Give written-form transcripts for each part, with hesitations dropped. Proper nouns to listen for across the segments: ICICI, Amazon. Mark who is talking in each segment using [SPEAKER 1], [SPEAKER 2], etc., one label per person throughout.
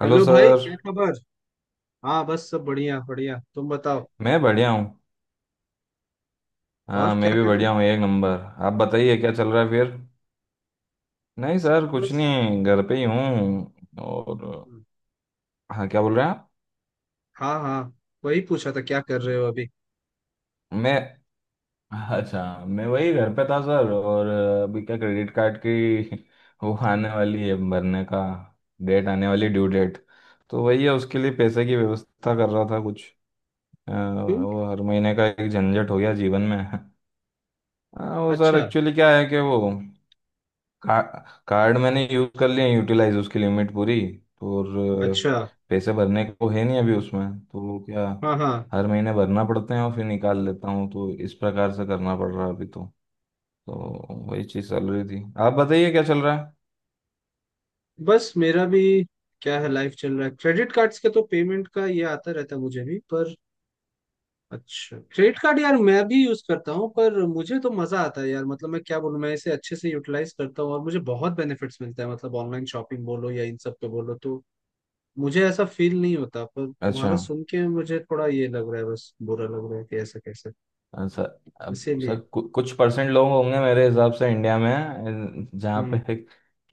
[SPEAKER 1] Hello
[SPEAKER 2] hello भाई,
[SPEAKER 1] sir.
[SPEAKER 2] क्या खबर? हाँ, बस सब बढ़िया बढ़िया। तुम बताओ
[SPEAKER 1] मैं बढ़िया हूँ। हाँ,
[SPEAKER 2] और क्या
[SPEAKER 1] मैं भी
[SPEAKER 2] कर रहे
[SPEAKER 1] बढ़िया हूँ,
[SPEAKER 2] थे?
[SPEAKER 1] एक नंबर। आप बताइए क्या चल रहा है फिर। नहीं
[SPEAKER 2] ऐसे ही
[SPEAKER 1] सर, कुछ
[SPEAKER 2] बस।
[SPEAKER 1] नहीं, घर पे ही हूँ और।
[SPEAKER 2] हम्म,
[SPEAKER 1] हाँ, क्या बोल रहे हैं आप।
[SPEAKER 2] हाँ हाँ। वही पूछा था, क्या कर रहे हो अभी?
[SPEAKER 1] मैं, अच्छा, मैं वही घर पे था सर और अभी क्या क्रेडिट कार्ड की वो आने वाली है, भरने का डेट आने वाली, ड्यू डेट। तो वही है, उसके लिए पैसे की व्यवस्था कर रहा था कुछ।
[SPEAKER 2] क्यों?
[SPEAKER 1] वो हर महीने का एक झंझट हो गया जीवन में। हाँ वो सर,
[SPEAKER 2] अच्छा
[SPEAKER 1] एक्चुअली क्या है कि वो का, कार्ड मैंने यूज कर लिया, यूटिलाइज उसकी लिमिट पूरी, तो और अ,
[SPEAKER 2] अच्छा।
[SPEAKER 1] पैसे भरने को है नहीं अभी उसमें, तो क्या
[SPEAKER 2] हाँ हाँ।
[SPEAKER 1] हर महीने भरना पड़ते हैं और फिर निकाल लेता हूँ, तो इस प्रकार से करना पड़ रहा है अभी तो। तो वही चीज़ चल रही थी, आप बताइए क्या चल रहा है।
[SPEAKER 2] बस मेरा भी, क्या है, लाइफ चल रहा है। क्रेडिट कार्ड्स का तो पेमेंट का ये आता रहता है मुझे भी, पर अच्छा, क्रेडिट कार्ड यार मैं भी यूज करता हूँ, पर मुझे तो मजा आता है यार। मतलब मैं क्या बोलूँ, मैं इसे अच्छे से यूटिलाइज करता हूँ और मुझे बहुत बेनिफिट्स मिलता है। मतलब ऑनलाइन शॉपिंग बोलो या इन सब पे बोलो, तो मुझे ऐसा फील नहीं होता। पर
[SPEAKER 1] अच्छा,
[SPEAKER 2] तुम्हारा सुन के मुझे थोड़ा ये लग रहा है, बस बुरा लग रहा है कि ऐसा कैसे।
[SPEAKER 1] सर अब सर
[SPEAKER 2] इसीलिए।
[SPEAKER 1] कुछ परसेंट लोग होंगे मेरे हिसाब से इंडिया में जहाँ पे
[SPEAKER 2] हम्म।
[SPEAKER 1] है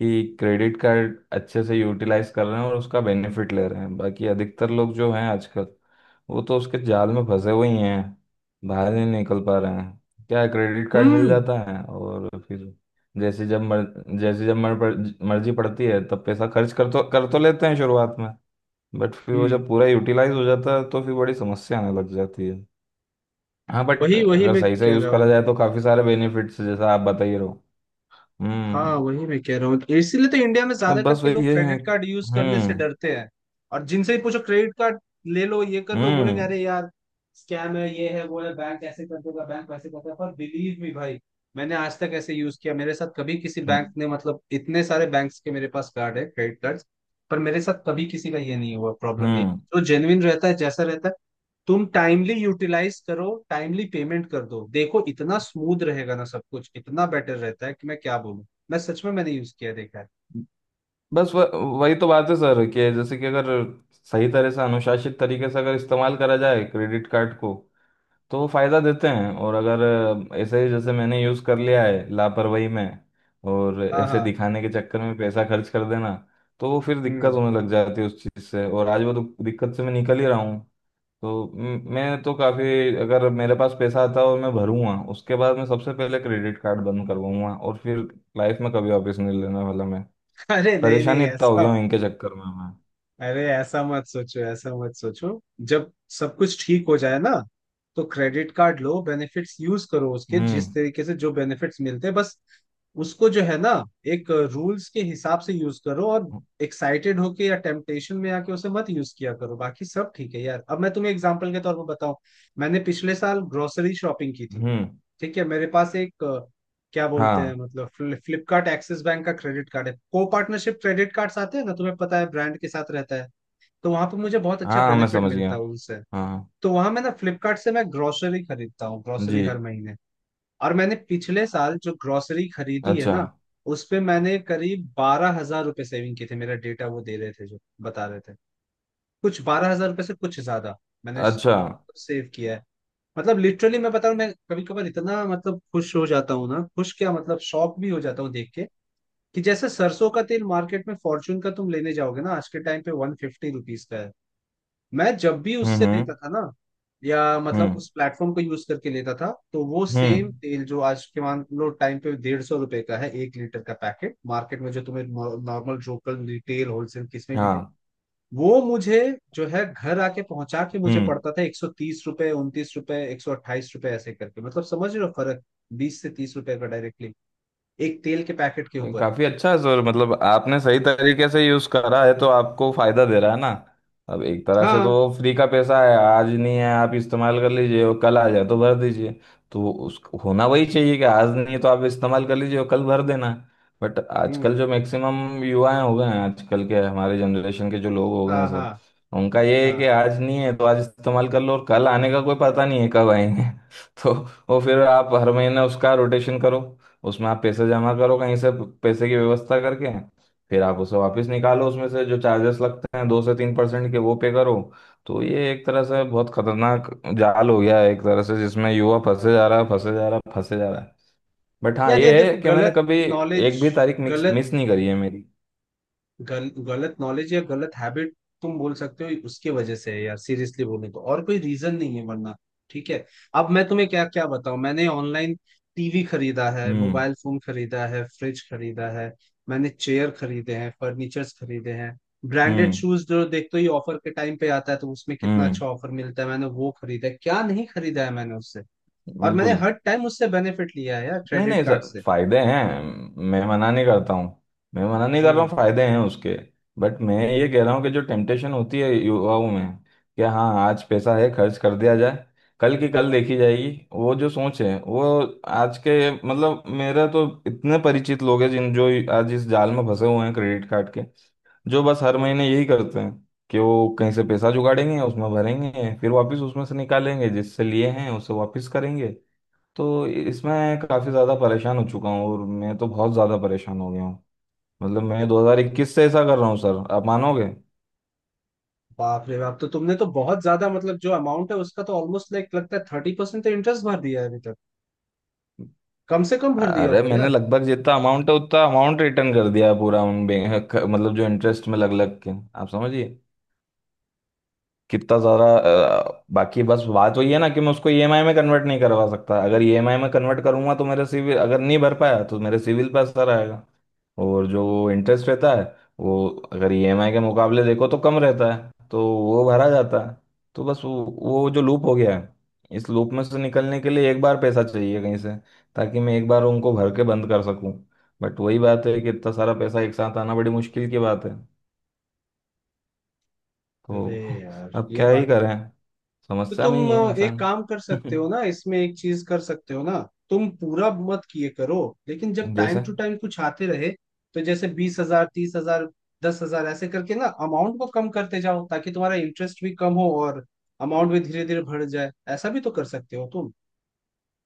[SPEAKER 1] कि क्रेडिट कार्ड अच्छे से यूटिलाइज कर रहे हैं और उसका बेनिफिट ले रहे हैं, बाकी अधिकतर लोग जो हैं आजकल वो तो उसके जाल में फंसे हुए ही हैं, बाहर ही नहीं निकल पा रहे हैं। क्या क्रेडिट कार्ड मिल
[SPEAKER 2] हम्म।
[SPEAKER 1] जाता है और फिर जैसे जब मर, जैसे जब मर्जी पड़ती है तब पैसा खर्च कर तो लेते हैं शुरुआत में, बट फिर वो
[SPEAKER 2] हम्म।
[SPEAKER 1] जब पूरा यूटिलाइज हो जाता है तो फिर बड़ी समस्या आने लग जाती है। हाँ बट
[SPEAKER 2] वही वही
[SPEAKER 1] अगर
[SPEAKER 2] मैं
[SPEAKER 1] सही से
[SPEAKER 2] कह
[SPEAKER 1] यूज
[SPEAKER 2] रहा
[SPEAKER 1] करा
[SPEAKER 2] हूँ।
[SPEAKER 1] जाए तो काफी सारे बेनिफिट्स जैसा आप बता ही रहो।
[SPEAKER 2] हाँ,
[SPEAKER 1] हम्म।
[SPEAKER 2] वही मैं कह रहा हूँ, इसीलिए तो इंडिया में ज्यादा
[SPEAKER 1] अब बस
[SPEAKER 2] करके
[SPEAKER 1] वही
[SPEAKER 2] लोग
[SPEAKER 1] ये है।
[SPEAKER 2] क्रेडिट कार्ड यूज करने से
[SPEAKER 1] हम्म।
[SPEAKER 2] डरते हैं। और जिनसे ही पूछो क्रेडिट कार्ड, ले लो ये कर लो बोलेंगे,
[SPEAKER 1] हम्म।
[SPEAKER 2] अरे यार स्कैम है, ये है वो है, बैंक ऐसे कर देगा, बैंक वैसे करता है। पर बिलीव मी भाई, मैंने आज तक ऐसे यूज किया, मेरे साथ कभी किसी बैंक
[SPEAKER 1] हम्म।
[SPEAKER 2] ने, मतलब इतने सारे बैंक्स के मेरे पास कार्ड है क्रेडिट कार्ड। पर मेरे साथ कभी किसी का ये नहीं हुआ, प्रॉब्लम नहीं।
[SPEAKER 1] हम्म।
[SPEAKER 2] जो जेन्युइन रहता है जैसा रहता है, तुम टाइमली यूटिलाइज करो, टाइमली पेमेंट कर दो, देखो इतना स्मूथ रहेगा ना सब कुछ, इतना बेटर रहता है कि मैं क्या बोलूं। मैं सच में मैंने यूज किया देखा है।
[SPEAKER 1] बस व, वही तो बात है सर कि जैसे कि अगर सही तरह से अनुशासित तरीके से अगर इस्तेमाल करा जाए क्रेडिट कार्ड को तो वो फायदा देते हैं, और अगर ऐसे ही जैसे मैंने यूज कर लिया है लापरवाही में और
[SPEAKER 2] हाँ
[SPEAKER 1] ऐसे
[SPEAKER 2] हाँ।
[SPEAKER 1] दिखाने के चक्कर में पैसा खर्च कर देना, तो वो फिर दिक्कत
[SPEAKER 2] हम्म।
[SPEAKER 1] होने लग जाती है उस चीज से, और आज वो दिक्कत से मैं निकल ही रहा हूँ। तो मैं तो काफी, अगर मेरे पास पैसा आता है और मैं भरूंगा उसके बाद मैं सबसे पहले क्रेडिट कार्ड बंद करवाऊंगा और फिर लाइफ में कभी वापस नहीं लेने वाला मैं।
[SPEAKER 2] अरे नहीं
[SPEAKER 1] परेशान
[SPEAKER 2] नहीं
[SPEAKER 1] इतना हो
[SPEAKER 2] ऐसा।
[SPEAKER 1] गया हूँ इनके चक्कर में मैं।
[SPEAKER 2] अरे ऐसा मत सोचो, ऐसा मत सोचो। जब सब कुछ ठीक हो जाए ना, तो क्रेडिट कार्ड लो, बेनिफिट्स यूज करो उसके, जिस
[SPEAKER 1] हम्म।
[SPEAKER 2] तरीके से जो बेनिफिट्स मिलते हैं, बस उसको जो है ना, एक रूल्स के हिसाब से यूज करो, और एक्साइटेड होके या टेम्पटेशन में आके उसे मत यूज किया करो। बाकी सब ठीक है यार। अब मैं तुम्हें एग्जांपल के तौर पर बताऊं, मैंने पिछले साल ग्रोसरी शॉपिंग की थी।
[SPEAKER 1] हम्म।
[SPEAKER 2] ठीक है, मेरे पास एक क्या बोलते हैं
[SPEAKER 1] हाँ,
[SPEAKER 2] मतलब फ्लिपकार्ट एक्सिस बैंक का क्रेडिट कार्ड है, को पार्टनरशिप क्रेडिट कार्ड्स आते हैं ना, तुम्हें पता है, ब्रांड के साथ रहता है। तो वहां पे मुझे बहुत अच्छा
[SPEAKER 1] हाँ मैं
[SPEAKER 2] बेनिफिट
[SPEAKER 1] समझ
[SPEAKER 2] मिलता है
[SPEAKER 1] गया।
[SPEAKER 2] उनसे।
[SPEAKER 1] हाँ।
[SPEAKER 2] तो वहां मैं ना, फ्लिपकार्ट से मैं ग्रोसरी खरीदता हूँ ग्रोसरी,
[SPEAKER 1] जी।
[SPEAKER 2] हर महीने। और मैंने पिछले साल जो ग्रोसरी खरीदी है
[SPEAKER 1] अच्छा।
[SPEAKER 2] ना, उस पे मैंने करीब 12,000 रुपये सेविंग की थी, मेरा डेटा वो दे रहे थे जो बता रहे थे। कुछ 12,000 रुपये से कुछ ज्यादा मैंने
[SPEAKER 1] अच्छा।
[SPEAKER 2] सेव किया है। मतलब लिटरली मैं बता रहा हूँ, मैं कभी कभार इतना मतलब खुश हो जाता हूँ ना, खुश क्या, मतलब शॉक भी हो जाता हूँ देख के कि जैसे सरसों का तेल मार्केट में फॉर्चून का तुम लेने जाओगे ना, आज के टाइम पे 150 रुपीज का है। मैं जब भी
[SPEAKER 1] हम्म।
[SPEAKER 2] उससे
[SPEAKER 1] हम्म।
[SPEAKER 2] लेता था ना, या मतलब
[SPEAKER 1] हम्म।
[SPEAKER 2] उस प्लेटफॉर्म को यूज करके लेता था, तो वो सेम
[SPEAKER 1] हम्म।
[SPEAKER 2] तेल, जो आज के मान लो टाइम पे 150 रुपए का है एक लीटर का पैकेट मार्केट में, जो तुम्हें नॉर्मल लोकल रिटेल होलसेल किसमें भी,
[SPEAKER 1] हाँ।
[SPEAKER 2] वो मुझे जो है घर आके पहुंचा के मुझे
[SPEAKER 1] हम्म।
[SPEAKER 2] पड़ता था 130 रुपए, 29 रुपए, 128 रुपए, ऐसे करके, मतलब समझ रहे हो फर्क? 20 से 30 रुपए का डायरेक्टली एक तेल के पैकेट के
[SPEAKER 1] ये
[SPEAKER 2] ऊपर।
[SPEAKER 1] काफी अच्छा है सर, मतलब आपने सही तरीके से यूज करा है तो आपको फायदा दे रहा है ना। अब एक तरह से तो
[SPEAKER 2] हाँ।
[SPEAKER 1] फ्री का पैसा है, आज नहीं है आप इस्तेमाल कर लीजिए और कल आ जाए तो भर दीजिए। तो उस होना वही चाहिए कि आज नहीं है तो आप इस्तेमाल कर लीजिए और कल भर देना। बट आजकल
[SPEAKER 2] हम्म।
[SPEAKER 1] जो मैक्सिमम युवाएं हो गए हैं, आजकल के हमारे जनरेशन के जो लोग हो गए हैं
[SPEAKER 2] हाँ हाँ
[SPEAKER 1] सर, उनका ये है
[SPEAKER 2] हाँ।
[SPEAKER 1] कि आज नहीं है तो आज इस्तेमाल कर लो और कल आने का कोई पता नहीं है कब आएंगे। तो वो फिर आप हर महीने उसका रोटेशन करो, उसमें आप पैसे जमा करो कहीं से, पैसे की व्यवस्था करके, फिर आप उसे वापस निकालो, उसमें से जो चार्जेस लगते हैं दो से तीन परसेंट के वो पे करो। तो ये एक तरह से बहुत खतरनाक जाल हो गया है एक तरह से, जिसमें युवा फंसे जा रहा है, फंसे जा रहा है, फंसे जा रहा है। बट हाँ
[SPEAKER 2] यार ये
[SPEAKER 1] ये है
[SPEAKER 2] देखो
[SPEAKER 1] कि मैंने
[SPEAKER 2] गलत
[SPEAKER 1] कभी
[SPEAKER 2] नॉलेज,
[SPEAKER 1] एक भी तारीख मिक्स
[SPEAKER 2] गलत
[SPEAKER 1] मिस नहीं करी है मेरी।
[SPEAKER 2] गलत नॉलेज या गलत हैबिट, तुम बोल सकते हो, उसके वजह से है यार, सीरियसली बोले तो और कोई रीजन नहीं है वरना। ठीक है, अब मैं तुम्हें क्या क्या बताऊं। मैंने ऑनलाइन टीवी खरीदा है,
[SPEAKER 1] हम्म।
[SPEAKER 2] मोबाइल फोन खरीदा है, फ्रिज खरीदा है, मैंने चेयर खरीदे हैं, फर्नीचर्स खरीदे हैं। ब्रांडेड
[SPEAKER 1] हम्म।
[SPEAKER 2] शूज जो देखते ही ऑफर के टाइम पे आता है तो उसमें कितना अच्छा
[SPEAKER 1] हम्म।
[SPEAKER 2] ऑफर मिलता है, मैंने वो खरीदा है। क्या नहीं खरीदा है मैंने उससे, और मैंने
[SPEAKER 1] बिल्कुल।
[SPEAKER 2] हर टाइम उससे बेनिफिट लिया है यार
[SPEAKER 1] नहीं
[SPEAKER 2] क्रेडिट
[SPEAKER 1] नहीं
[SPEAKER 2] कार्ड
[SPEAKER 1] सर,
[SPEAKER 2] से।
[SPEAKER 1] फायदे हैं, मैं मना नहीं करता हूँ, मैं मना नहीं कर रहा
[SPEAKER 2] हम्म।
[SPEAKER 1] हूँ, फायदे हैं उसके। बट मैं ये कह रहा हूँ कि जो टेम्पटेशन होती है युवाओं में कि हाँ आज पैसा है खर्च कर दिया जाए, कल की कल देखी जाएगी, वो जो सोच है वो आज के, मतलब मेरा तो इतने परिचित लोग हैं जिन जो आज इस जाल में फंसे हुए हैं क्रेडिट कार्ड के, जो बस हर महीने यही करते हैं कि वो कहीं से पैसा जुगाड़ेंगे, उसमें भरेंगे, फिर वापस उसमें से निकालेंगे, जिससे लिए हैं उसे वापस करेंगे। तो इसमें काफ़ी ज़्यादा परेशान हो चुका हूँ और मैं तो बहुत ज़्यादा परेशान हो गया हूँ। मतलब मैं 2021 से ऐसा कर रहा हूँ सर, आप मानोगे।
[SPEAKER 2] बाप रे बाप, तो तुमने तो बहुत ज्यादा, मतलब जो अमाउंट है उसका तो ऑलमोस्ट लाइक लगता है 30% तो इंटरेस्ट भर दिया है अभी तक। कम से कम भर दिया
[SPEAKER 1] अरे
[SPEAKER 2] होगा
[SPEAKER 1] मैंने
[SPEAKER 2] यार।
[SPEAKER 1] लगभग जितना अमाउंट है उतना अमाउंट रिटर्न कर दिया है पूरा उन बैंक, मतलब जो इंटरेस्ट में लग लग के, आप समझिए, कितना ज़्यादा। बाकी बस बात वही है ना कि मैं उसको ईएमआई में कन्वर्ट नहीं करवा सकता, अगर ईएमआई में कन्वर्ट करूंगा तो मेरे सिविल, अगर नहीं भर पाया तो मेरे सिविल पर असर आएगा। और जो वो इंटरेस्ट रहता है वो अगर ईएमआई के मुकाबले देखो तो कम रहता है, तो वो भरा जाता है। तो बस वो जो लूप हो गया है, इस लूप में से निकलने के लिए एक बार पैसा चाहिए कहीं से, ताकि मैं एक बार उनको भर के बंद कर सकूं। बट वही बात है कि इतना सारा पैसा एक साथ आना बड़ी मुश्किल की बात है। तो
[SPEAKER 2] अरे यार,
[SPEAKER 1] अब
[SPEAKER 2] ये
[SPEAKER 1] क्या ही
[SPEAKER 2] बात तो
[SPEAKER 1] करें,
[SPEAKER 2] तो
[SPEAKER 1] समस्या में
[SPEAKER 2] तुम
[SPEAKER 1] ही है
[SPEAKER 2] एक
[SPEAKER 1] इंसान।
[SPEAKER 2] काम कर सकते हो ना इसमें, एक चीज कर सकते हो ना। तुम पूरा मत किए करो, लेकिन जब टाइम
[SPEAKER 1] जैसे
[SPEAKER 2] टू टाइम कुछ आते रहे, तो जैसे 20,000, 30,000, 10,000, ऐसे करके ना अमाउंट को कम करते जाओ, ताकि तुम्हारा इंटरेस्ट भी कम हो और अमाउंट भी धीरे धीरे बढ़ जाए। ऐसा भी तो कर सकते हो तुम।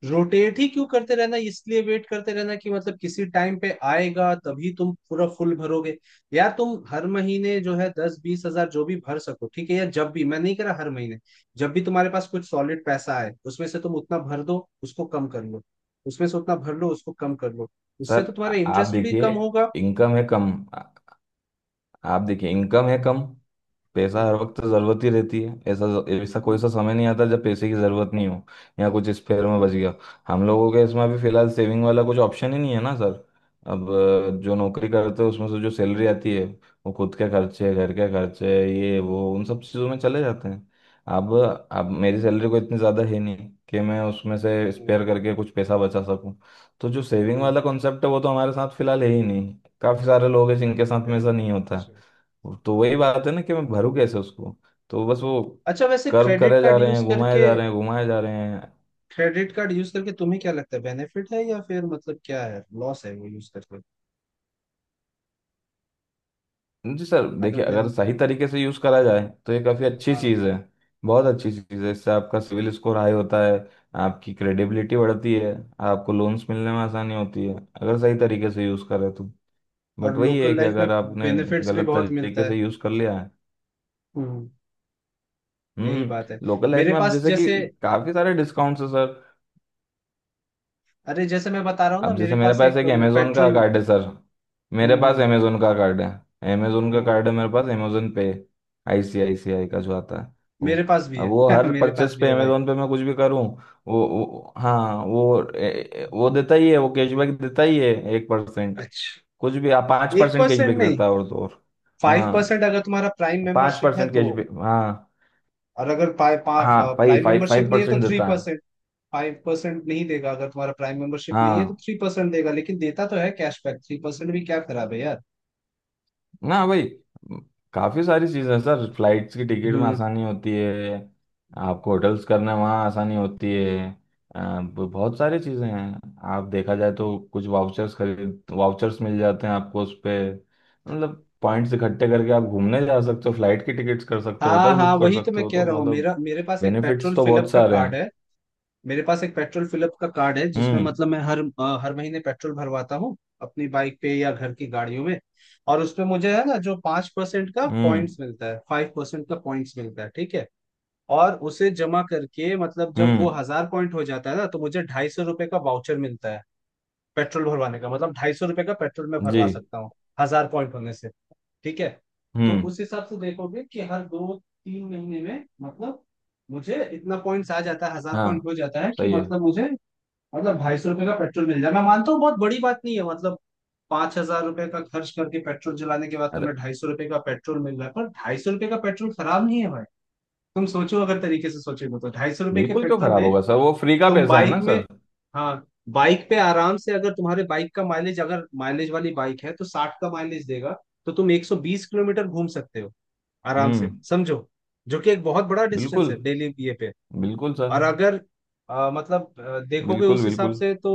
[SPEAKER 2] रोटेट ही क्यों करते रहना, इसलिए वेट करते रहना कि मतलब किसी टाइम पे आएगा तभी तुम पूरा फुल भरोगे? या तुम हर महीने जो है दस बीस हजार जो भी भर सको, ठीक है? या जब भी, मैं नहीं कह रहा हर महीने, जब भी तुम्हारे पास कुछ सॉलिड पैसा आए, उसमें से तुम उतना भर दो, उसको कम कर लो। उसमें से उतना भर लो, उसको कम कर लो।
[SPEAKER 1] सर,
[SPEAKER 2] उससे तो तुम्हारा
[SPEAKER 1] आप
[SPEAKER 2] इंटरेस्ट भी
[SPEAKER 1] देखिए
[SPEAKER 2] कम होगा।
[SPEAKER 1] इनकम है कम, आ- आप देखिए इनकम है कम, पैसा हर
[SPEAKER 2] हम्म।
[SPEAKER 1] वक्त जरूरत ही रहती है, ऐसा, ऐसा कोई
[SPEAKER 2] हम्म।
[SPEAKER 1] सा समय नहीं आता जब पैसे की जरूरत नहीं हो या कुछ स्पेयर में बच
[SPEAKER 2] हम्म।
[SPEAKER 1] गया। हम लोगों के इसमें अभी फिलहाल सेविंग वाला कुछ ऑप्शन ही नहीं है ना सर। अब, जो नौकरी करते हैं उसमें से जो सैलरी आती है वो खुद के खर्चे, घर के खर्चे, ये वो उन सब चीज़ों में चले जाते हैं। अब अब मेरी सैलरी को इतनी ज़्यादा है नहीं कि मैं उसमें से
[SPEAKER 2] हम्म,
[SPEAKER 1] स्पेयर करके कुछ पैसा बचा सकूं। तो जो सेविंग
[SPEAKER 2] हम्म।
[SPEAKER 1] वाला कॉन्सेप्ट है वो तो हमारे साथ फिलहाल है ही नहीं। काफ़ी सारे लोग हैं जिनके साथ
[SPEAKER 2] अच्छा
[SPEAKER 1] में ऐसा नहीं होता।
[SPEAKER 2] अच्छा।
[SPEAKER 1] तो वही बात है ना कि मैं भरूं कैसे उसको। तो बस वो
[SPEAKER 2] अच्छा वैसे
[SPEAKER 1] कर्व
[SPEAKER 2] क्रेडिट
[SPEAKER 1] करे जा
[SPEAKER 2] कार्ड
[SPEAKER 1] रहे
[SPEAKER 2] यूज
[SPEAKER 1] हैं, घुमाए
[SPEAKER 2] करके
[SPEAKER 1] जा रहे हैं, घुमाए जा रहे हैं।
[SPEAKER 2] क्रेडिट कार्ड यूज करके तुम्हें क्या लगता है, बेनिफिट है या फिर मतलब क्या है, लॉस है वो यूज करके?
[SPEAKER 1] जी सर
[SPEAKER 2] अगर
[SPEAKER 1] देखिए, अगर
[SPEAKER 2] बेन
[SPEAKER 1] सही तरीके से यूज़ करा जाए तो ये काफ़ी अच्छी
[SPEAKER 2] हाँ।
[SPEAKER 1] चीज़ है, बहुत अच्छी चीज़ है। इससे आपका सिविल स्कोर हाई होता है, आपकी क्रेडिबिलिटी बढ़ती है, आपको लोन्स मिलने में आसानी होती है, अगर सही तरीके से यूज़ करें तो।
[SPEAKER 2] और
[SPEAKER 1] बट वही है
[SPEAKER 2] लोकल
[SPEAKER 1] कि
[SPEAKER 2] लाइफ में
[SPEAKER 1] अगर आपने
[SPEAKER 2] बेनिफिट्स भी
[SPEAKER 1] गलत
[SPEAKER 2] बहुत मिलता
[SPEAKER 1] तरीके
[SPEAKER 2] है।
[SPEAKER 1] से यूज़ कर लिया है।
[SPEAKER 2] हम्म। यही बात है,
[SPEAKER 1] हम्म, लोकल लाइफ
[SPEAKER 2] मेरे
[SPEAKER 1] में आप
[SPEAKER 2] पास
[SPEAKER 1] जैसे कि
[SPEAKER 2] जैसे,
[SPEAKER 1] काफ़ी सारे डिस्काउंट्स है सर।
[SPEAKER 2] अरे जैसे मैं बता रहा हूँ ना,
[SPEAKER 1] अब
[SPEAKER 2] मेरे
[SPEAKER 1] जैसे मेरे
[SPEAKER 2] पास
[SPEAKER 1] पास
[SPEAKER 2] एक
[SPEAKER 1] एक अमेजोन का
[SPEAKER 2] पेट्रोल।
[SPEAKER 1] कार्ड है सर, मेरे
[SPEAKER 2] हम्म।
[SPEAKER 1] पास
[SPEAKER 2] हम्म।
[SPEAKER 1] अमेजोन का कार्ड है, अमेजोन का
[SPEAKER 2] हम्म।
[SPEAKER 1] कार्ड है मेरे पास, अमेजोन पे आईसीआईसीआई का जो आता है वो,
[SPEAKER 2] मेरे पास भी
[SPEAKER 1] अब वो
[SPEAKER 2] है।
[SPEAKER 1] हर
[SPEAKER 2] मेरे पास
[SPEAKER 1] परचेस
[SPEAKER 2] भी
[SPEAKER 1] पे
[SPEAKER 2] है भाई।
[SPEAKER 1] अमेजोन पे मैं कुछ भी करूं वो हाँ वो ए, ए, वो देता ही है, वो कैशबैक देता ही है एक परसेंट,
[SPEAKER 2] अच्छा,
[SPEAKER 1] कुछ भी आप, पाँच
[SPEAKER 2] एक
[SPEAKER 1] परसेंट
[SPEAKER 2] परसेंट
[SPEAKER 1] कैशबैक
[SPEAKER 2] नहीं,
[SPEAKER 1] देता है, और तो और।
[SPEAKER 2] फाइव
[SPEAKER 1] हाँ,
[SPEAKER 2] परसेंट अगर तुम्हारा प्राइम
[SPEAKER 1] पाँच
[SPEAKER 2] मेंबरशिप है
[SPEAKER 1] परसेंट
[SPEAKER 2] तो।
[SPEAKER 1] कैशबैक, हाँ।
[SPEAKER 2] और अगर
[SPEAKER 1] हाँ भाई
[SPEAKER 2] प्राइम
[SPEAKER 1] फाइव
[SPEAKER 2] मेंबरशिप
[SPEAKER 1] फाइव
[SPEAKER 2] नहीं है तो
[SPEAKER 1] परसेंट
[SPEAKER 2] थ्री
[SPEAKER 1] देता है।
[SPEAKER 2] परसेंट। 5% नहीं देगा, अगर तुम्हारा प्राइम मेंबरशिप नहीं है तो
[SPEAKER 1] हाँ
[SPEAKER 2] थ्री परसेंट देगा, लेकिन देता तो है कैशबैक, 3% भी क्या खराब है यार।
[SPEAKER 1] ना भाई। म, काफी सारी चीजें हैं सर, फ्लाइट्स की टिकट में
[SPEAKER 2] हम्म।
[SPEAKER 1] आसानी होती है, आपको होटल्स करने में वहाँ आसानी होती है। बहुत सारी चीजें हैं आप देखा जाए तो, कुछ वाउचर्स खरीद, वाउचर्स मिल जाते हैं आपको उस पे, मतलब पॉइंट्स इकट्ठे करके आप घूमने जा सकते हो, फ्लाइट की टिकट्स कर सकते हो,
[SPEAKER 2] हाँ
[SPEAKER 1] होटल
[SPEAKER 2] हाँ,
[SPEAKER 1] बुक कर
[SPEAKER 2] वही तो
[SPEAKER 1] सकते
[SPEAKER 2] मैं
[SPEAKER 1] हो,
[SPEAKER 2] कह
[SPEAKER 1] तो
[SPEAKER 2] रहा हूँ,
[SPEAKER 1] मतलब
[SPEAKER 2] मेरा मेरे पास एक
[SPEAKER 1] बेनिफिट्स
[SPEAKER 2] पेट्रोल
[SPEAKER 1] तो
[SPEAKER 2] फिलअप
[SPEAKER 1] बहुत
[SPEAKER 2] का
[SPEAKER 1] सारे
[SPEAKER 2] कार्ड
[SPEAKER 1] हैं।
[SPEAKER 2] है। मेरे पास एक पेट्रोल फिलअप का कार्ड है, जिसमें
[SPEAKER 1] हम्म।
[SPEAKER 2] मतलब मैं हर महीने पेट्रोल भरवाता हूँ अपनी बाइक पे या घर की गाड़ियों में। और उसपे मुझे है ना, जो 5% का
[SPEAKER 1] हम्म।
[SPEAKER 2] पॉइंट्स मिलता है, 5% का पॉइंट्स मिलता है, ठीक है। और उसे जमा करके, मतलब जब वो
[SPEAKER 1] हम्म।
[SPEAKER 2] 1,000 पॉइंट हो जाता है ना, तो मुझे 250 रुपए का वाउचर मिलता है पेट्रोल भरवाने का, मतलब 250 रुपये का पेट्रोल मैं
[SPEAKER 1] जी।
[SPEAKER 2] भरवा सकता हूँ 1,000 पॉइंट होने से, ठीक है। तो
[SPEAKER 1] हम्म।
[SPEAKER 2] उस हिसाब से देखोगे कि हर 2-3 महीने में, मतलब मुझे इतना पॉइंट्स आ जाता है, 1,000 पॉइंट
[SPEAKER 1] हाँ
[SPEAKER 2] हो जाता है, कि
[SPEAKER 1] सही है।
[SPEAKER 2] मतलब मुझे, मतलब ढाई सौ रुपये का पेट्रोल मिल जाए। मैं मानता हूँ बहुत बड़ी बात नहीं है मतलब, 5,000 रुपये का खर्च करके पेट्रोल जलाने के बाद
[SPEAKER 1] अरे
[SPEAKER 2] तुम्हें 250 रुपये का पेट्रोल मिल रहा है, पर 250 रुपये का पेट्रोल खराब नहीं है भाई। तुम सोचो, अगर तरीके से सोचेगे तो 250 रुपए के
[SPEAKER 1] बिल्कुल, क्यों
[SPEAKER 2] पेट्रोल
[SPEAKER 1] खराब
[SPEAKER 2] में
[SPEAKER 1] होगा सर, वो फ्री का
[SPEAKER 2] तुम
[SPEAKER 1] पैसा है
[SPEAKER 2] बाइक
[SPEAKER 1] ना
[SPEAKER 2] में,
[SPEAKER 1] सर।
[SPEAKER 2] हाँ, बाइक पे आराम से, अगर तुम्हारे बाइक का माइलेज, अगर माइलेज वाली बाइक है, तो 60 का माइलेज देगा, तो तुम 120 किलोमीटर घूम सकते हो आराम से,
[SPEAKER 1] हम्म।
[SPEAKER 2] समझो। जो कि एक बहुत बड़ा डिस्टेंस
[SPEAKER 1] बिल्कुल
[SPEAKER 2] है डेली ये पे।
[SPEAKER 1] बिल्कुल सर।
[SPEAKER 2] और अगर मतलब देखोगे
[SPEAKER 1] बिल्कुल
[SPEAKER 2] उस हिसाब
[SPEAKER 1] बिल्कुल।
[SPEAKER 2] से तो,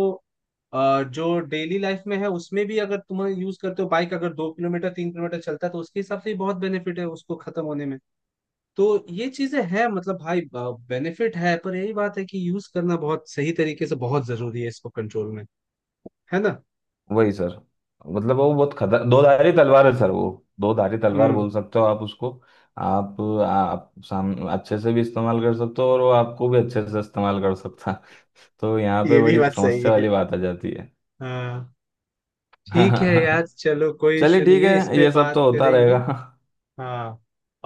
[SPEAKER 2] जो डेली लाइफ में है उसमें भी, अगर तुम यूज करते हो बाइक, अगर 2 किलोमीटर 3 किलोमीटर चलता है, तो उसके हिसाब से भी बहुत बेनिफिट है उसको खत्म होने में। तो ये चीजें हैं, मतलब भाई बेनिफिट है, पर यही बात है कि यूज करना बहुत सही तरीके से बहुत जरूरी है, इसको कंट्रोल में, है ना।
[SPEAKER 1] वही सर, मतलब वो बहुत खतर, दो धारी तलवार है सर वो, दो धारी तलवार
[SPEAKER 2] हम्म।
[SPEAKER 1] बोल सकते हो आप उसको। आप आप साम अच्छे से भी इस्तेमाल कर सकते हो और वो आपको भी अच्छे से इस्तेमाल कर सकता है। तो यहाँ पे
[SPEAKER 2] ये भी
[SPEAKER 1] बड़ी
[SPEAKER 2] बात सही
[SPEAKER 1] समस्या
[SPEAKER 2] है।
[SPEAKER 1] वाली बात आ जाती है।
[SPEAKER 2] हाँ। ठीक है यार, चलो कोई
[SPEAKER 1] चलिए
[SPEAKER 2] इशू नहीं
[SPEAKER 1] ठीक
[SPEAKER 2] है, इस
[SPEAKER 1] है,
[SPEAKER 2] पे
[SPEAKER 1] ये सब
[SPEAKER 2] बात
[SPEAKER 1] तो होता
[SPEAKER 2] करेंगे।
[SPEAKER 1] रहेगा।
[SPEAKER 2] हाँ।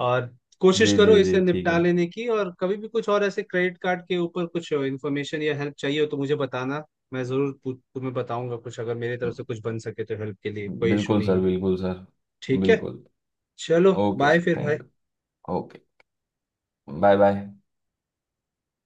[SPEAKER 2] और कोशिश
[SPEAKER 1] जी
[SPEAKER 2] करो
[SPEAKER 1] जी
[SPEAKER 2] इसे
[SPEAKER 1] जी ठीक
[SPEAKER 2] निपटा
[SPEAKER 1] है।
[SPEAKER 2] लेने की, और कभी भी कुछ और ऐसे क्रेडिट कार्ड के ऊपर कुछ इन्फॉर्मेशन या हेल्प चाहिए हो तो मुझे बताना। मैं जरूर तुम्हें बताऊंगा कुछ, अगर मेरी तरफ से कुछ बन सके तो हेल्प के लिए कोई इशू
[SPEAKER 1] बिल्कुल
[SPEAKER 2] नहीं
[SPEAKER 1] सर,
[SPEAKER 2] है।
[SPEAKER 1] बिल्कुल सर,
[SPEAKER 2] ठीक है,
[SPEAKER 1] बिल्कुल।
[SPEAKER 2] चलो
[SPEAKER 1] ओके
[SPEAKER 2] बाय
[SPEAKER 1] सर
[SPEAKER 2] फिर भाई।
[SPEAKER 1] Thank you. Okay. Bye bye.